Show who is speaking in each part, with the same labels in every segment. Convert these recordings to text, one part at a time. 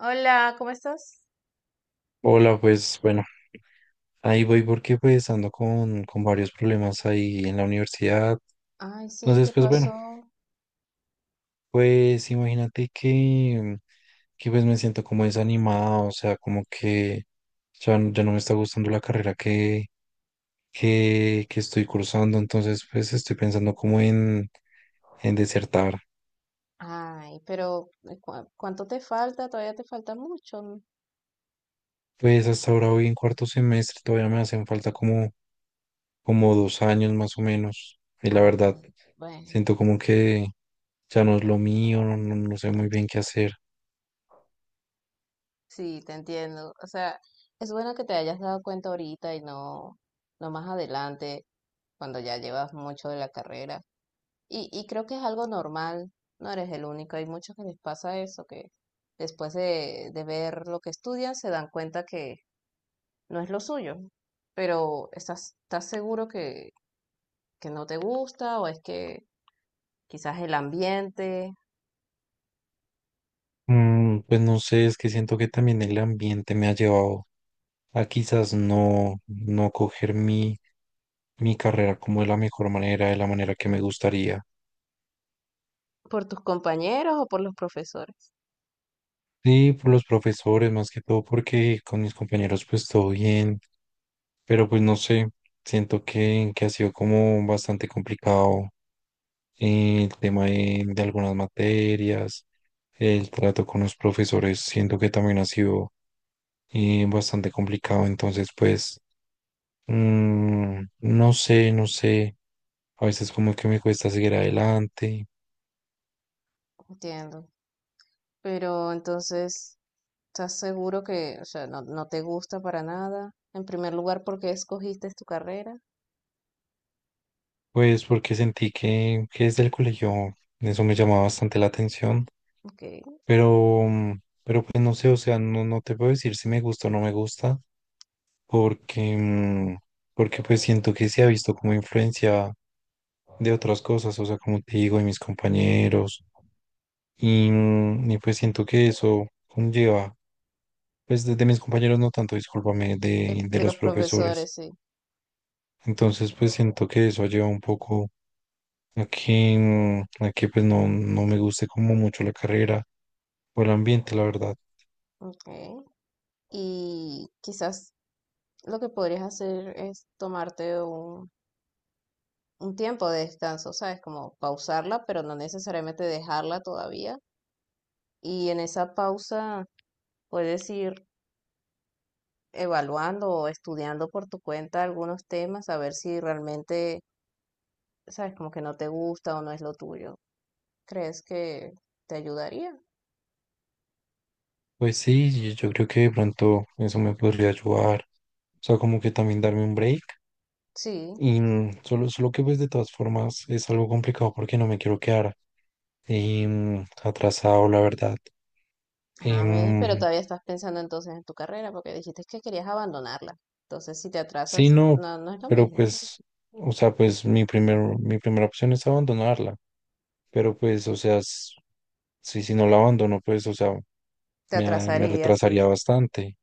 Speaker 1: Hola, ¿cómo estás?
Speaker 2: Hola, pues bueno, ahí voy porque pues ando con varios problemas ahí en la universidad.
Speaker 1: Ay, sí,
Speaker 2: Entonces,
Speaker 1: ¿qué
Speaker 2: pues bueno,
Speaker 1: pasó?
Speaker 2: pues imagínate que pues me siento como desanimado, o sea, como que ya no me está gustando la carrera que estoy cursando, entonces pues estoy pensando como en desertar.
Speaker 1: Ay, pero ¿cuánto te falta? Todavía te falta mucho, ¿no?
Speaker 2: Pues hasta ahora voy en cuarto semestre, todavía me hacen falta como 2 años más o menos. Y la verdad,
Speaker 1: Ay, bueno,
Speaker 2: siento como que ya no es lo mío, no sé muy bien qué hacer.
Speaker 1: sí, te entiendo. O sea, es bueno que te hayas dado cuenta ahorita y no, no más adelante, cuando ya llevas mucho de la carrera. Y creo que es algo normal, no eres el único. Hay muchos que les pasa eso, que después de ver lo que estudian se dan cuenta que no es lo suyo. Pero ¿estás seguro que no te gusta o es que quizás el ambiente,
Speaker 2: Pues no sé, es que siento que también el ambiente me ha llevado a quizás no coger mi carrera como de la mejor manera, de la manera que me gustaría.
Speaker 1: por tus compañeros o por los profesores.
Speaker 2: Sí, por los profesores, más que todo, porque con mis compañeros pues todo bien, pero pues no sé, siento que ha sido como bastante complicado, el tema de algunas materias. El trato con los profesores siento que también ha sido bastante complicado, entonces pues, no sé, no sé, a veces como que me cuesta seguir adelante.
Speaker 1: Entiendo. Pero entonces, ¿estás seguro que, o sea, no, no te gusta para nada? En primer lugar, ¿porque escogiste tu carrera?
Speaker 2: Pues porque sentí que desde el colegio eso me llamaba bastante la atención,
Speaker 1: Okay.
Speaker 2: pero pues no sé, o sea, no te puedo decir si me gusta o no me gusta, porque, mm, porque pues siento que se ha visto como influencia de otras cosas, o sea, como te digo, de mis compañeros. Y pues siento que eso conlleva, pues de mis compañeros no tanto, discúlpame, de, de
Speaker 1: De
Speaker 2: los
Speaker 1: los
Speaker 2: profesores.
Speaker 1: profesores, sí.
Speaker 2: Entonces pues siento que eso lleva un poco a que pues no me guste como mucho la carrera o el ambiente, la verdad.
Speaker 1: Okay. Y quizás lo que podrías hacer es tomarte un tiempo de descanso, ¿sabes? Como pausarla, pero no necesariamente dejarla todavía. Y en esa pausa puedes ir evaluando o estudiando por tu cuenta algunos temas, a ver si realmente, sabes, como que no te gusta o no es lo tuyo. ¿Crees que te ayudaría?
Speaker 2: Pues sí, yo creo que de pronto eso me podría ayudar. O sea, como que también darme un break.
Speaker 1: Sí.
Speaker 2: Y solo que pues de todas formas es algo complicado porque no me quiero quedar, atrasado, la verdad.
Speaker 1: A ver, pero
Speaker 2: Em,
Speaker 1: todavía estás pensando entonces en tu carrera porque dijiste que querías abandonarla. Entonces, si te
Speaker 2: Sí,
Speaker 1: atrasas,
Speaker 2: no,
Speaker 1: no, no es lo
Speaker 2: pero
Speaker 1: mismo.
Speaker 2: pues, o sea, pues mi primera opción es abandonarla, pero pues, o sea, si no la abandono, pues, o sea,
Speaker 1: Te
Speaker 2: me
Speaker 1: atrasaría, sí.
Speaker 2: retrasaría bastante.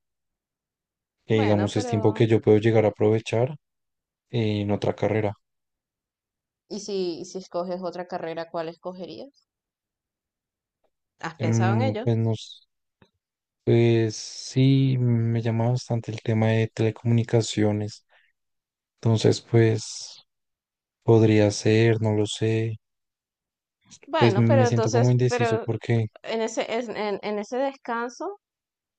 Speaker 2: Que
Speaker 1: Bueno,
Speaker 2: digamos, es tiempo
Speaker 1: pero
Speaker 2: que yo puedo llegar a aprovechar en otra carrera.
Speaker 1: y si escoges otra carrera, cuál escogerías? ¿Has pensado en
Speaker 2: Em,
Speaker 1: ello?
Speaker 2: pues, no s- pues sí, me llama bastante el tema de telecomunicaciones. Entonces, pues, podría ser, no lo sé. Pues
Speaker 1: Bueno, pero
Speaker 2: me siento como
Speaker 1: entonces,
Speaker 2: indeciso
Speaker 1: pero
Speaker 2: porque.
Speaker 1: en en ese descanso,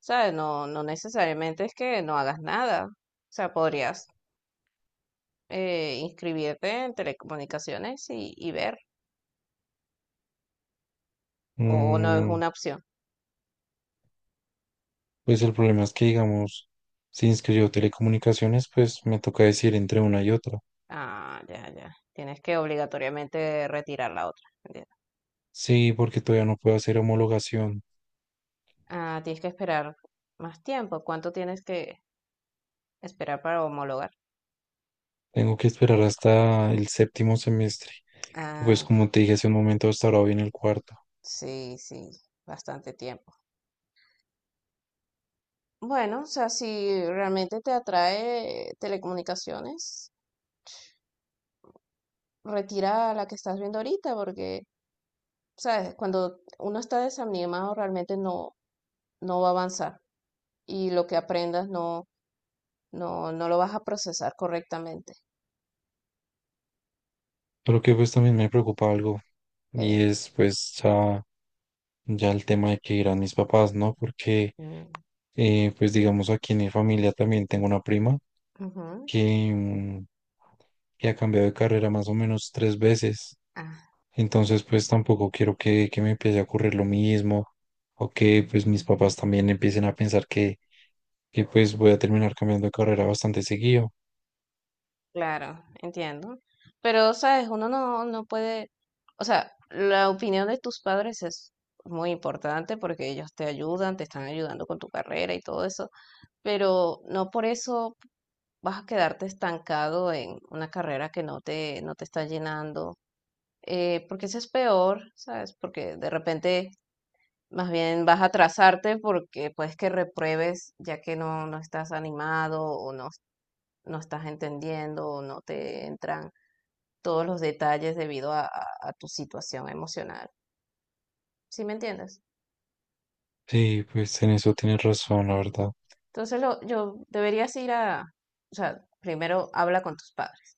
Speaker 1: sabes, no, no necesariamente es que no hagas nada. O sea, podrías inscribirte en telecomunicaciones y ver, o no es
Speaker 2: mm,
Speaker 1: una opción.
Speaker 2: Pues el problema es que, digamos, si inscribo telecomunicaciones, pues me toca decir entre una y otra.
Speaker 1: Ah, ya, ya. Tienes que obligatoriamente retirar la otra. Entiendo.
Speaker 2: Sí, porque todavía no puedo hacer homologación.
Speaker 1: Ah, tienes que esperar más tiempo. ¿Cuánto tienes que esperar para homologar?
Speaker 2: Tengo que esperar hasta el séptimo semestre. Y pues
Speaker 1: Ah,
Speaker 2: como te dije hace un momento, hasta ahora viene el cuarto.
Speaker 1: sí, sí, bastante tiempo. Bueno, o sea, si realmente te atrae telecomunicaciones, retira la que estás viendo ahorita, porque sabes, cuando uno está desanimado realmente no, no va a avanzar y lo que aprendas no, no lo vas a procesar correctamente.
Speaker 2: Pero que pues también me preocupa algo y
Speaker 1: Eh,
Speaker 2: es pues ya el tema de que irán mis papás, ¿no? Porque,
Speaker 1: mm,
Speaker 2: pues digamos aquí en mi familia también tengo una prima
Speaker 1: ujú.
Speaker 2: que, mm, que ha cambiado de carrera más o menos tres veces.
Speaker 1: Ah,
Speaker 2: Entonces, pues tampoco quiero que me empiece a ocurrir lo mismo o que pues mis papás también empiecen a pensar que pues voy a terminar cambiando de carrera bastante seguido.
Speaker 1: claro, entiendo. Pero, sabes, uno no, no puede, o sea, la opinión de tus padres es muy importante porque ellos te ayudan, te están ayudando con tu carrera y todo eso, pero no por eso vas a quedarte estancado en una carrera que no te, no te está llenando, porque eso es peor, ¿sabes? Porque de repente más bien vas a atrasarte porque puedes que repruebes ya que no, no estás animado o no, no estás entendiendo o no te entran todos los detalles debido a, a tu situación emocional. ¿Sí me entiendes?
Speaker 2: Sí, pues en eso tienes razón, la verdad.
Speaker 1: Entonces lo, yo deberías ir a, o sea, primero habla con tus padres,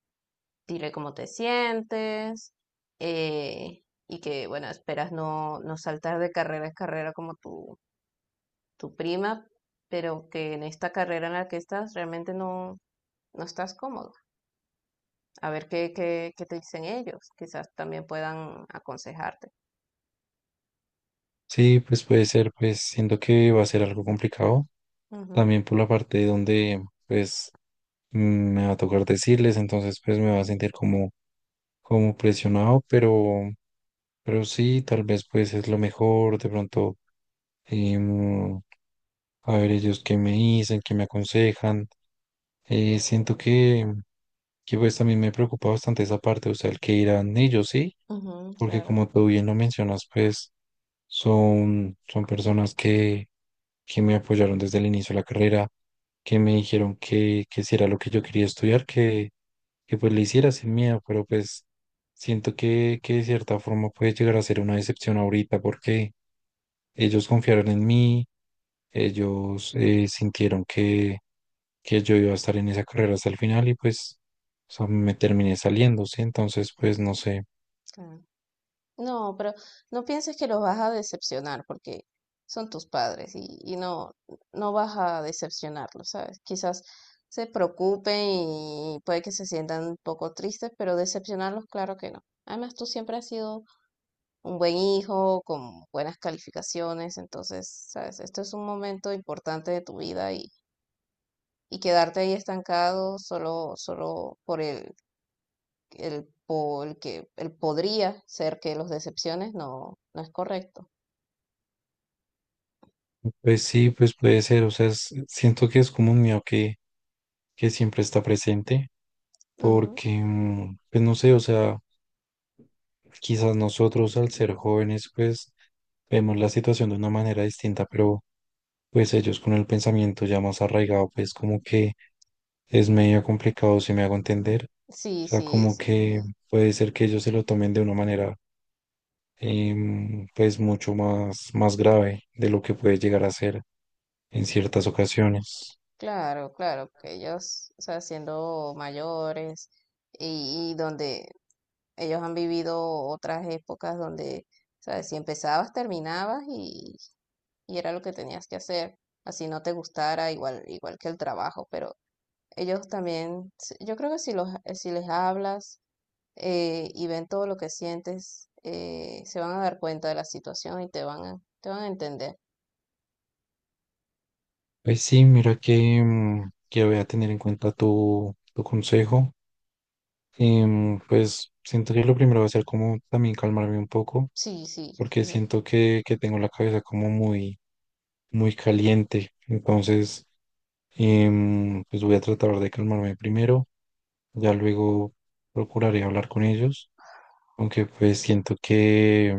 Speaker 1: dile cómo te sientes, eh, y que, bueno, esperas no, no saltar de carrera en carrera como tú, tu prima, pero que en esta carrera en la que estás realmente no, no estás cómodo. A ver qué, qué, qué te dicen ellos, quizás también puedan aconsejarte.
Speaker 2: Sí, pues puede ser, pues siento que va a ser algo complicado.
Speaker 1: Ujú,
Speaker 2: También por la parte donde pues, mm, me va a tocar decirles, entonces pues me va a sentir como presionado, pero. Pero sí, tal vez pues es lo mejor, de pronto, em, a ver, ellos qué me dicen, qué me aconsejan. Siento que pues también me preocupa bastante esa parte, o sea, el que irán ellos, ¿sí?
Speaker 1: ujú,
Speaker 2: Porque
Speaker 1: claro.
Speaker 2: como tú bien lo mencionas, pues son personas que me apoyaron desde el inicio de la carrera, que me dijeron que si era lo que yo quería estudiar, que pues le hiciera sin miedo, pero pues siento que de cierta forma puede llegar a ser una decepción ahorita porque ellos confiaron en mí, ellos, sintieron que yo iba a estar en esa carrera hasta el final y pues, o sea, me terminé saliendo, ¿sí? Entonces, pues no sé,
Speaker 1: Claro. No, pero no pienses que los vas a decepcionar porque son tus padres y no, no vas a decepcionarlos, ¿sabes? Quizás se preocupen y puede que se sientan un poco tristes, pero decepcionarlos, claro que no. Además, tú siempre has sido un buen hijo, con buenas calificaciones. Entonces, sabes, esto es un momento importante de tu vida y quedarte ahí estancado solo, solo por el, por el que el podría ser que los decepciones, no, no es correcto.
Speaker 2: pues sí, pues puede ser, o sea, siento que es como un miedo que siempre está presente,
Speaker 1: Ujú.
Speaker 2: porque, pues no sé, o sea, quizás nosotros al ser jóvenes, pues vemos la situación de una manera distinta, pero pues ellos con el pensamiento ya más arraigado, pues como que es medio complicado, si me hago entender, o
Speaker 1: Sí,
Speaker 2: sea,
Speaker 1: sí,
Speaker 2: como
Speaker 1: sí.
Speaker 2: que puede ser que ellos se lo tomen de una manera, pues mucho más grave de lo que puede llegar a ser en ciertas ocasiones.
Speaker 1: Claro, claro, que ellos, o sea, siendo mayores y donde ellos han vivido otras épocas donde, ¿sabes? Si empezabas, terminabas y era lo que tenías que hacer, así no te gustara, igual, igual que el trabajo, pero ellos también, yo creo que si los, si les hablas y ven todo lo que sientes, se van a dar cuenta de la situación y te van a entender.
Speaker 2: Pues sí, mira que voy a tener en cuenta tu consejo. Pues siento que lo primero va a ser como también calmarme un poco,
Speaker 1: Sí, sí,
Speaker 2: porque siento que tengo la cabeza como muy, muy caliente. Entonces, pues voy a tratar de calmarme primero, ya luego procuraré hablar con ellos, aunque pues siento que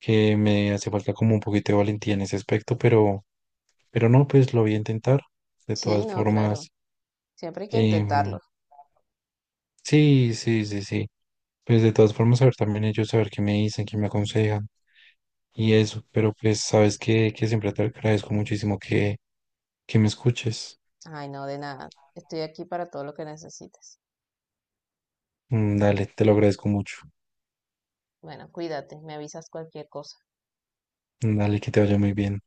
Speaker 2: que me hace falta como un poquito de valentía en ese aspecto, pero no, pues lo voy a intentar. De
Speaker 1: sí,
Speaker 2: todas
Speaker 1: no, claro,
Speaker 2: formas,
Speaker 1: siempre hay que
Speaker 2: em,
Speaker 1: intentarlo.
Speaker 2: sí, sí, sí, sí. Pues de todas formas, saber también ellos, saber qué me dicen, qué me aconsejan y eso, pero pues sabes que siempre te agradezco muchísimo que me escuches.
Speaker 1: Ay, no, de nada, estoy aquí para todo lo que necesites.
Speaker 2: Dale, te lo agradezco mucho.
Speaker 1: Bueno, cuídate, me avisas cualquier cosa.
Speaker 2: Dale, que te vaya muy bien.